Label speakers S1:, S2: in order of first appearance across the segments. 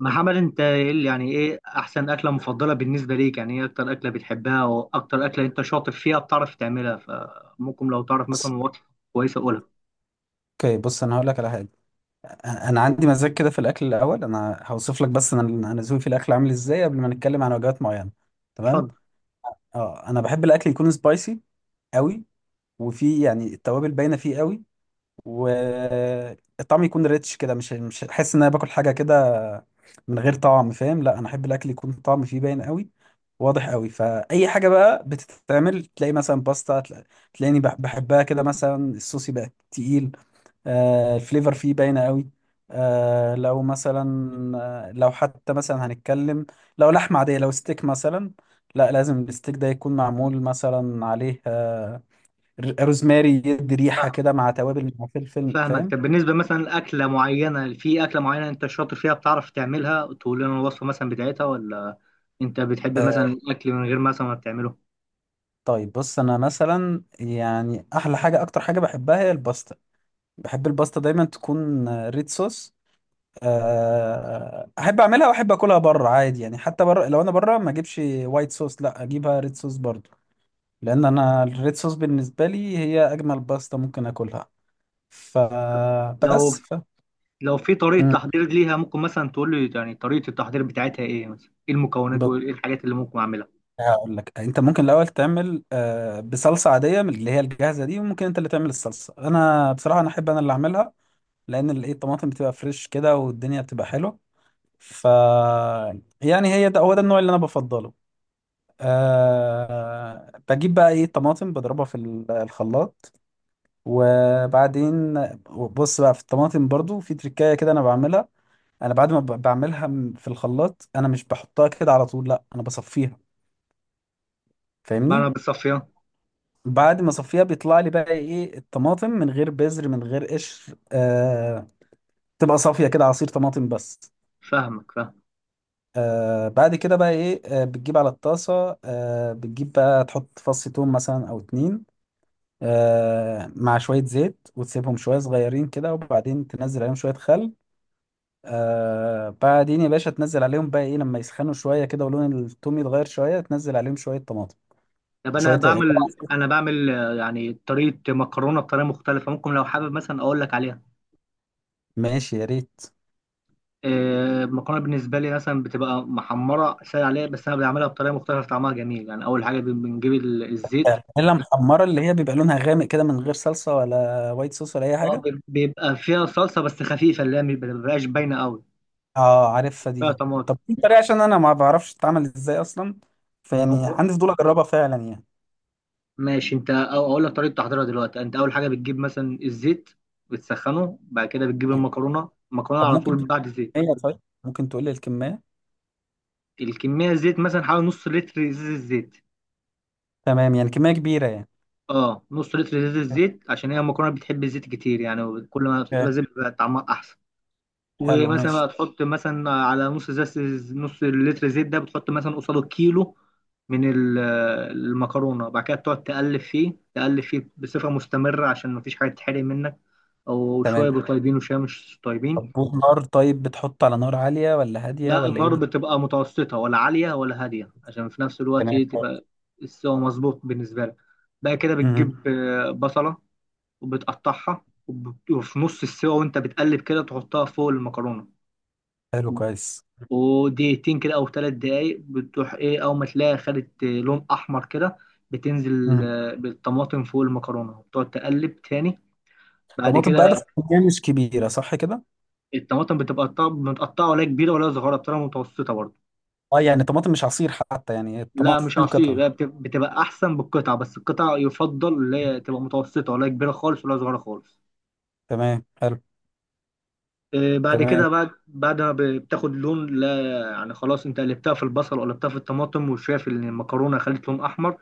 S1: محمد، انت يعني ايه احسن اكله مفضله بالنسبه ليك؟ يعني ايه اكتر اكله بتحبها واكتر اكله انت شاطر فيها بتعرف تعملها؟ فممكن لو تعرف مثلا
S2: بص،
S1: وصفه كويسه قولها.
S2: اوكي. بص انا هقول لك على حاجه. انا عندي مزاج كده في الاكل. الاول انا هوصف لك بس انا ذوقي في الاكل عامل ازاي قبل ما نتكلم عن وجبات معينه. تمام.
S1: اتفضل.
S2: اه انا بحب الاكل يكون سبايسي قوي، وفيه يعني التوابل باينه فيه قوي، والطعم يكون ريتش كده، مش احس ان انا باكل حاجه كده من غير طعم، فاهم؟ لا انا احب الاكل يكون طعم فيه باين قوي، واضح قوي. فاي حاجه بقى بتتعمل تلاقي مثلا باستا، تلاقيني بحبها كده. مثلا الصوص يبقى تقيل، الفليفر فيه باينة قوي. آه، لو مثلا لو حتى مثلا هنتكلم لو لحمة عادية، لو ستيك مثلا، لا لازم الستيك ده يكون معمول مثلا عليه روزماري يدي ريحة
S1: فاهم-
S2: كده، مع توابل مع فلفل،
S1: فاهمك.
S2: فاهم؟
S1: طب بالنسبه مثلا لاكله معينه، في اكله معينه انت شاطر فيها بتعرف تعملها تقول لنا الوصفه مثلا بتاعتها؟ ولا انت بتحب
S2: آه،
S1: مثلا الاكل من غير مثلا ما بتعمله؟
S2: طيب بص، انا مثلا يعني احلى حاجة اكتر حاجة بحبها هي الباستا. بحب الباستا دايما تكون ريد صوص. احب اعملها واحب اكلها بره عادي. يعني حتى بره لو انا بره ما اجيبش وايت صوص، لا اجيبها ريد صوص برضه. لان انا الريد صوص بالنسبه لي هي اجمل باستا ممكن اكلها.
S1: طب لو
S2: فبس ف
S1: لو في طريقه
S2: مم.
S1: تحضير ليها، ممكن مثلا تقول لي يعني طريقه التحضير بتاعتها ايه؟ مثلا ايه المكونات
S2: بص،
S1: وايه الحاجات اللي ممكن اعملها؟
S2: هقول لك. انت ممكن الاول تعمل بصلصه عاديه من اللي هي الجاهزه دي، وممكن انت اللي تعمل الصلصه. انا بصراحه انا احب انا اللي اعملها لان ال- ايه الطماطم بتبقى فريش كده والدنيا بتبقى حلوه. ف يعني هي ده هو ده النوع اللي انا بفضله. أه، بجيب بقى ايه طماطم بضربها في الخلاط، وبعدين بص بقى في الطماطم برضو في تركاية كده انا بعملها. انا بعد ما بعملها في الخلاط انا مش بحطها كده على طول، لا انا بصفيها،
S1: بعملها
S2: فاهمني؟
S1: بالصفيه.
S2: بعد ما اصفيها بيطلع لي بقى ايه الطماطم من غير بذر من غير قشر، آه، تبقى صافيه كده، عصير طماطم بس.
S1: فاهمك، فاهمك.
S2: آه، بعد كده بقى ايه، آه، بتجيب على الطاسه، آه، بتجيب بقى تحط فص ثوم مثلا او اتنين، آه، مع شويه زيت، وتسيبهم شويه صغيرين كده، وبعدين تنزل عليهم شويه خل، آه، بعدين يا باشا تنزل عليهم بقى ايه لما يسخنوا شويه كده ولون التوم يتغير شويه تنزل عليهم شويه طماطم.
S1: طب انا
S2: شوية
S1: بعمل، يعني طريقه مكرونه بطريقه مختلفه، ممكن لو حابب مثلا اقول لك عليها.
S2: ماشي يا ريت.
S1: المكرونه بالنسبه لي مثلا بتبقى محمره سهل عليها، بس انا بعملها بطريقه مختلفه طعمها جميل. يعني اول حاجه بنجيب الزيت.
S2: بانيلا محمرة اللي هي بيبقى لونها غامق كده من غير صلصة ولا وايت صوص ولا أي حاجة.
S1: بيبقى فيها صلصه بس خفيفه اللي هي ما بتبقاش باينه قوي،
S2: اه عارفها
S1: فيها
S2: دي.
S1: طماطم.
S2: طب في طريقة؟ عشان أنا ما بعرفش تتعمل إزاي أصلا، فيعني
S1: ممكن.
S2: عندي فضول أجربها فعلا يعني.
S1: ماشي، اقول لك طريقه تحضيرها دلوقتي. انت اول حاجه بتجيب مثلا الزيت بتسخنه، بعد كده بتجيب
S2: تمام.
S1: المكرونه،
S2: طب
S1: على
S2: ممكن
S1: طول
S2: تقول
S1: بعد زيت.
S2: لي الكمية؟ طيب ممكن تقول لي الكمية؟
S1: الكميه الزيت مثلا حوالي نص لتر ازازه زيت.
S2: تمام، يعني كمية كبيرة يعني.
S1: اه، نص لتر زيت، الزيت عشان هي المكرونه بتحب الزيت كتير، يعني كل ما تحط لها
S2: اوكي.
S1: زيت بيبقى طعمها احسن.
S2: حلو،
S1: ومثلا
S2: ماشي.
S1: بقى تحط مثلا على نص زيت، نص لتر زيت ده بتحط مثلا قصاده كيلو من المكرونه. بعد كده تقعد تقلب فيه تقلب فيه بصفه مستمره عشان مفيش حاجه تتحرق منك، او
S2: تمام.
S1: شويه بيبقوا طيبين وشويه مش
S2: طب
S1: طيبين.
S2: نار، طيب بتحط على نار عالية ولا هادية
S1: لا،
S2: ولا إيه؟
S1: النار بتبقى متوسطه، ولا عاليه ولا هاديه، عشان في نفس الوقت
S2: تمام.
S1: تبقى السوا مظبوط بالنسبه لك. بقى كده
S2: مم.
S1: بتجيب بصله وبتقطعها، وفي نص السوا وانت بتقلب كده تحطها فوق المكرونة.
S2: حلو، كويس.
S1: ودقيقتين كده او 3 دقايق بتروح ايه اول ما تلاقيها خدت لون احمر كده، بتنزل
S2: مم.
S1: بالطماطم فوق المكرونة وبتقعد تقلب تاني. بعد
S2: طماطم بقى بس
S1: كده
S2: كمية مش كبيرة، صح كده؟
S1: الطماطم متقطعة، ولا كبيرة ولا صغيرة، بتبقى متوسطة برضه.
S2: اه يعني طماطم مش عصير حتى، يعني
S1: لا مش
S2: الطماطم
S1: عصير،
S2: قطع.
S1: لا بتبقى أحسن بالقطعة، بس القطعة يفضل اللي هي تبقى متوسطة، ولا كبيرة خالص ولا صغيرة خالص.
S2: تمام، حلو.
S1: بعد
S2: تمام،
S1: كده بعد ما بتاخد لون، لا يعني خلاص انت قلبتها في البصل وقلبتها في الطماطم وشايف ان المكرونه خلت لون احمر،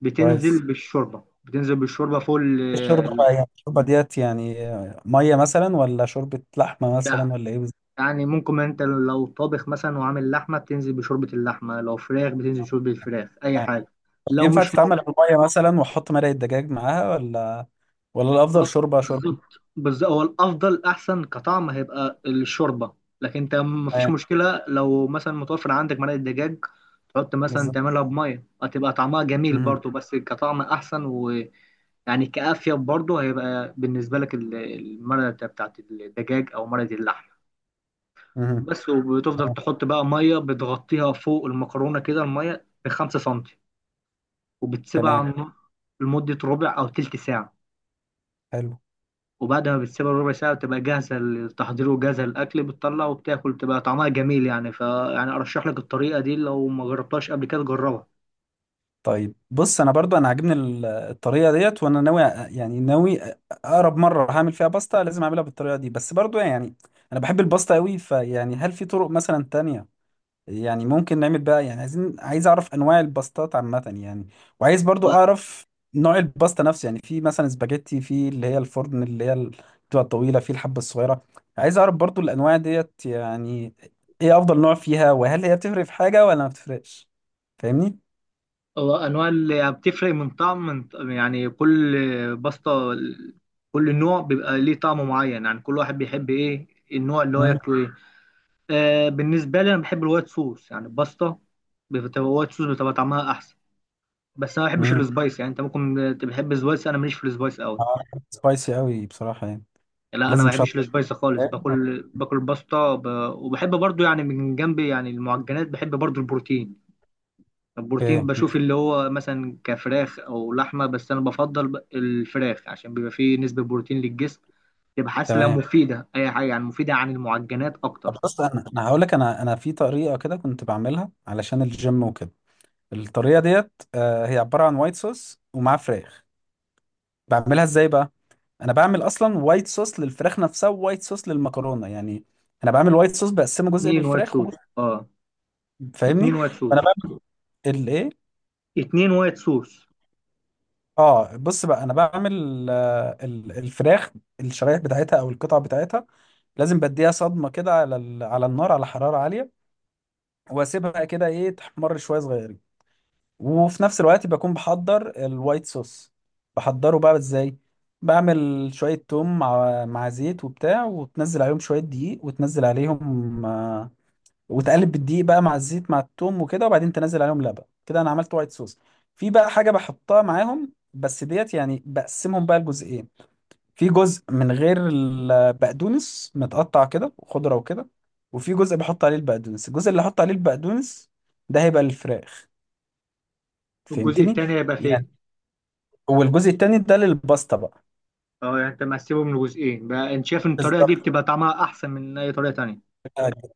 S1: بتنزل
S2: كويس.
S1: بالشوربه،
S2: الشوربة بقى، يعني الشوربة ديت يعني مية مثلا ولا شوربة لحمة
S1: لا
S2: مثلا ولا ايه بالظبط؟
S1: يعني ممكن انت لو طابخ مثلا وعامل لحمه بتنزل بشوربه اللحمه، لو فراخ بتنزل بشوربه الفراخ، اي
S2: يعني
S1: حاجه. لو
S2: ينفع
S1: مش
S2: تتعمل بالمية مثلا واحط مرقة دجاج معاها، ولا ولا
S1: آه،
S2: الأفضل شوربة شوربة؟
S1: بالظبط. بس هو الافضل احسن كطعم هيبقى الشوربه، لكن انت مفيش
S2: آه،
S1: مشكله لو مثلا متوفر عندك مرقه دجاج تحط مثلا
S2: بالظبط.
S1: تعملها بميه هتبقى طعمها جميل
S2: مهم.
S1: برضو، بس كطعم احسن ويعني كافيه برضو هيبقى بالنسبه لك المرقه بتاعت الدجاج او مرقه اللحم
S2: مهم.
S1: بس. وبتفضل تحط بقى ميه بتغطيها فوق المكرونه كده، الميه ب5 سنتي، وبتسيبها
S2: تمام،
S1: على النار لمده ربع او تلت ساعه.
S2: حلو.
S1: وبعد ما بتسيبها ربع ساعة بتبقى جاهزة للتحضير وجاهزة للأكل، بتطلع وبتاكل بتبقى طعمها جميل يعني ف، يعني أرشح لك الطريقة دي، لو ما جربتهاش قبل كده جربها.
S2: طيب بص، انا برضو انا عاجبني الطريقه ديت، وانا يعني اقرب مره هعمل فيها باستا لازم اعملها بالطريقه دي. بس برضو يعني انا بحب الباستا قوي، فيعني هل في طرق مثلا تانية؟ يعني ممكن نعمل بقى، يعني عايز اعرف انواع الباستات عامه يعني. وعايز برضو
S1: و-
S2: اعرف نوع الباستا نفسه، يعني في مثلا سباجيتي، في اللي هي الفرن، اللي هي بتبقى الطويله، في الحبه الصغيره. عايز اعرف برضو الانواع ديت يعني ايه افضل نوع فيها، وهل هي بتفرق في حاجه ولا ما بتفرقش، فاهمني؟
S1: وأنواع اللي بتفرق من طعم، من يعني كل بسطة، كل نوع بيبقى ليه طعم معين، يعني كل واحد بيحب إيه النوع اللي هو
S2: مم.
S1: ياكله إيه. آه، بالنسبة لي أنا بحب الوايت صوص، يعني البسطة بتبقى وايت صوص بتبقى طعمها أحسن. بس أنا ما بحبش
S2: مم.
S1: السبايس، يعني أنت ممكن تبقى تحب السبايس، أنا ماليش في السبايس أوي.
S2: اه سبايسي قوي بصراحه يعني.
S1: لا انا ما
S2: لازم
S1: بحبش
S2: شطه.
S1: السبايسي خالص، باكل باستا وبحب برضو يعني من جنب يعني المعجنات بحب برضو البروتين. البروتين
S2: اوكي.
S1: بشوف اللي هو مثلا كفراخ او لحمه، بس انا بفضل الفراخ عشان بيبقى فيه نسبه بروتين للجسم، تبقى حاسه
S2: تمام.
S1: مفيده، اي حاجه يعني مفيده عن المعجنات
S2: طب
S1: اكتر.
S2: بص، انا هقول لك، انا في طريقه كده كنت بعملها علشان الجيم وكده. الطريقه ديت هي عباره عن وايت صوص ومعاه فراخ. بعملها ازاي بقى؟ انا بعمل اصلا وايت صوص للفراخ نفسها ووايت صوص للمكرونه يعني. انا بعمل وايت صوص بقسمه جزء
S1: اتنين وايت
S2: للفراخ
S1: صوص
S2: وجزء.
S1: اه. اتنين
S2: فاهمني؟
S1: وايت صوص
S2: فانا بعمل الايه،
S1: 2 وايت صوص.
S2: اه بص بقى، انا بعمل الفراخ، الشرايح بتاعتها او القطع بتاعتها، لازم بديها صدمه كده على على النار على حراره عاليه، واسيبها كده ايه تحمر شويه صغيرين. وفي نفس الوقت بكون بحضر الوايت صوص. بحضره بقى ازاي؟ بعمل شويه توم مع مع زيت وبتاع، وتنزل عليهم شويه دقيق، وتنزل عليهم وتقلب بالدقيق بقى مع الزيت مع التوم وكده، وبعدين تنزل عليهم لبن كده، انا عملت وايت صوص. في بقى حاجه بحطها معاهم بس ديت، يعني بقسمهم بقى لجزئين. في جزء من غير البقدونس متقطع كده وخضرة وكده، وفي جزء بحط عليه البقدونس. الجزء اللي احط عليه البقدونس ده هيبقى للفراخ،
S1: الجزء
S2: فهمتني
S1: التاني هيبقى
S2: يعني؟
S1: فين؟
S2: والجزء التاني ده للباستا بقى.
S1: اه يعني انت مقسمهم لجزئين بقى؟ انت شايف ان الطريقه دي
S2: بالظبط.
S1: بتبقى طعمها احسن من اي طريقه تانية؟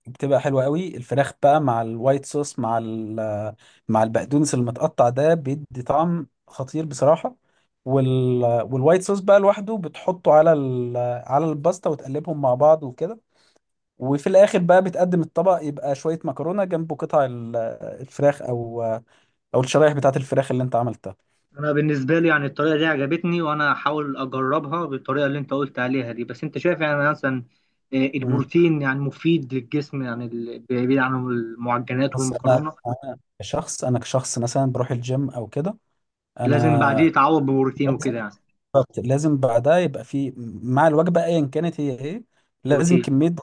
S2: بتبقى حلوة قوي الفراخ بقى، مع الوايت صوص، مع مع البقدونس المتقطع ده، بيدي طعم خطير بصراحة. والوايت صوص بقى لوحده بتحطه على على الباستا وتقلبهم مع بعض وكده. وفي الاخر بقى بتقدم الطبق، يبقى شويه مكرونه جنبه قطع الفراخ او او الشرايح بتاعه الفراخ اللي انت عملتها.
S1: انا بالنسبه لي يعني الطريقه دي عجبتني، وانا هحاول اجربها بالطريقه اللي انت قلت عليها دي. بس انت شايف يعني مثلا
S2: امم.
S1: البروتين يعني مفيد للجسم يعني، بعيد عن المعجنات
S2: بس انا،
S1: والمكرونه،
S2: كشخص، انا كشخص مثلا بروح الجيم او كده،
S1: لازم بعديه
S2: انا
S1: يتعوض ببروتين وكده
S2: لازم.
S1: يعني.
S2: بالظبط، لازم بعدها يبقى في، مع الوجبه ايا كانت هي ايه، لازم
S1: بروتين.
S2: كميه.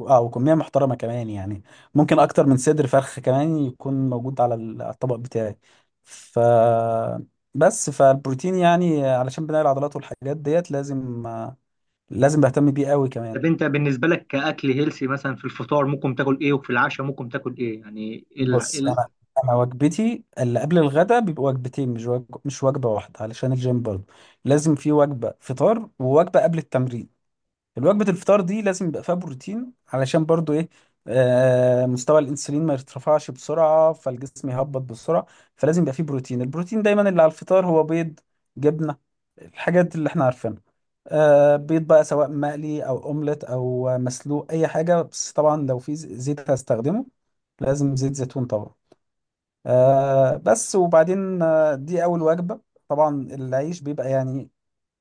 S2: اه وكميه محترمه كمان يعني، ممكن اكتر من صدر فرخ كمان يكون موجود على على الطبق بتاعي. ف بس فالبروتين يعني علشان بناء العضلات والحاجات ديت لازم، لازم بهتم بيه قوي كمان.
S1: طب انت بالنسبه لك كاكل هيلسي مثلا، في الفطار ممكن تاكل ايه، وفي العشاء ممكن تاكل ايه؟ يعني
S2: بص انا، انا وجبتي اللي قبل الغداء بيبقى وجبتين، مش مش وجبه واحده، علشان الجيم برضه لازم في وجبه فطار ووجبه قبل التمرين. الوجبه الفطار دي لازم يبقى فيها بروتين علشان برضه ايه آه مستوى الانسولين ما يرتفعش بسرعه فالجسم يهبط بسرعه. فلازم يبقى فيه بروتين. البروتين دايما اللي على الفطار هو بيض، جبنه، الحاجات اللي احنا عارفينها. آه بيض بقى سواء مقلي او اومليت او مسلوق اي حاجه، بس طبعا لو في زيت هستخدمه لازم زيت زيتون طبعا. آه بس، وبعدين آه دي أول وجبة. طبعا العيش بيبقى يعني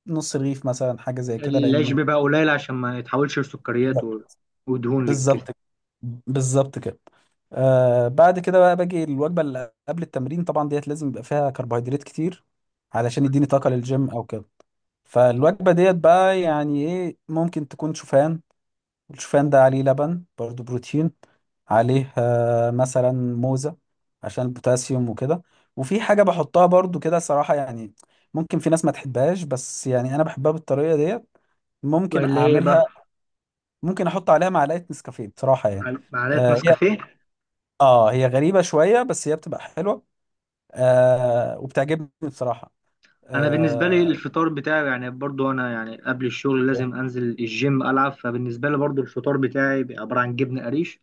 S2: نص رغيف مثلا حاجة زي كده،
S1: العيش
S2: لأن
S1: بيبقى قليل عشان ما يتحولش لسكريات ودهون للجسم.
S2: بالظبط. بالظبط كده. آه بعد كده بقى باجي الوجبة اللي قبل التمرين، طبعا ديت لازم يبقى فيها كربوهيدرات كتير علشان يديني طاقة للجيم أو كده. فالوجبة ديت بقى يعني إيه، ممكن تكون شوفان. الشوفان ده عليه لبن برضو، بروتين، عليه مثلا موزة عشان البوتاسيوم وكده. وفي حاجة بحطها برضو كده صراحة يعني، ممكن في ناس ما تحبهاش بس يعني أنا بحبها بالطريقة ديت، ممكن
S1: ولا ايه
S2: أعملها،
S1: بقى؟
S2: ممكن أحط عليها معلقة نسكافيه بصراحة يعني.
S1: معلقه
S2: آه هي،
S1: نسكافيه؟
S2: آه هي غريبة شوية بس هي بتبقى حلوة، آه وبتعجبني بصراحة.
S1: انا بالنسبه لي
S2: آه.
S1: الفطار بتاعي يعني برضو انا يعني قبل الشغل لازم انزل الجيم العب، فبالنسبه لي برضو الفطار بتاعي بيبقى عباره عن جبنه قريش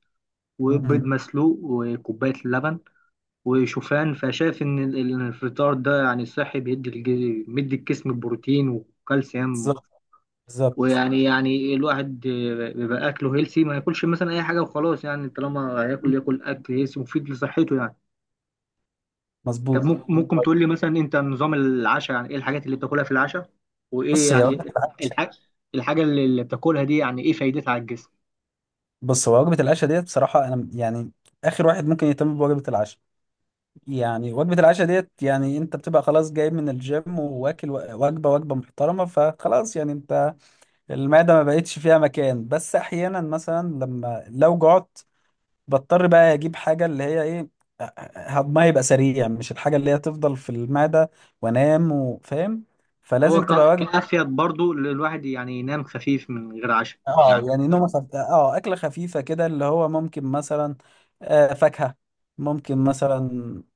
S1: وبيض
S2: مم.
S1: مسلوق وكوبايه لبن وشوفان. فشايف ان الفطار ده يعني صحي، بيدي الجسم بروتين وكالسيوم،
S2: بالظبط. بالظبط.
S1: ويعني الواحد بيبقى اكله هيلسي، ما ياكلش مثلا اي حاجه وخلاص، يعني طالما هياكل ياكل اكل هيلسي مفيد لصحته يعني. طب
S2: مظبوط.
S1: ممكن، تقول لي مثلا انت نظام العشاء، يعني ايه الحاجات اللي بتاكلها في العشاء؟ وايه
S2: بص هي وجبة
S1: يعني
S2: العشاء،
S1: الحاجه الحاجه اللي بتاكلها دي يعني ايه فايدتها على الجسم؟
S2: بص هو وجبة العشاء ديت بصراحة أنا يعني آخر واحد ممكن يهتم بوجبة العشاء. يعني وجبة العشاء ديت يعني انت بتبقى خلاص جاي من الجيم واكل وجبة وجبة محترمة، فخلاص يعني انت المعدة ما بقتش فيها مكان. بس احيانا مثلا لما لو جعت، بضطر بقى اجيب حاجة اللي هي ايه هضمها يبقى سريع، مش الحاجة اللي هي تفضل في المعدة وانام وفاهم.
S1: هو
S2: فلازم تبقى وجبة
S1: كافيد برضو للواحد يعني ينام خفيف من غير عشاء يعني؟
S2: اه اكله خفيفه كده اللي هو ممكن مثلا آه فاكهه، ممكن مثلا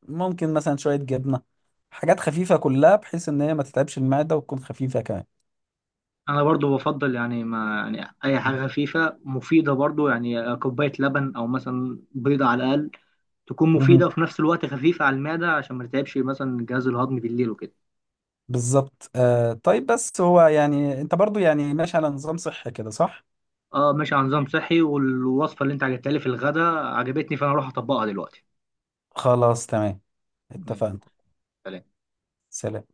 S2: ممكن مثلا شويه جبنه، حاجات خفيفه كلها بحيث ان هي ما تتعبش المعده وتكون خفيفه كمان.
S1: انا برضو بفضل يعني ما يعني اي حاجه خفيفه مفيده برضو، يعني كوبايه لبن او مثلا بيضه على الاقل تكون
S2: مهم.
S1: مفيده وفي نفس الوقت خفيفه على المعده عشان ما تتعبش مثلا الجهاز الهضمي بالليل وكده.
S2: بالظبط. آه طيب، بس هو يعني انت برضو يعني ماشي على نظام صحي كده، صح؟
S1: اه ماشي على نظام صحي، والوصفه اللي انت عجبتها لي في الغداء عجبتني، فانا اروح اطبقها دلوقتي.
S2: خلاص، تمام،
S1: ماشي
S2: اتفقنا.
S1: شكرا. سلام.
S2: سلام.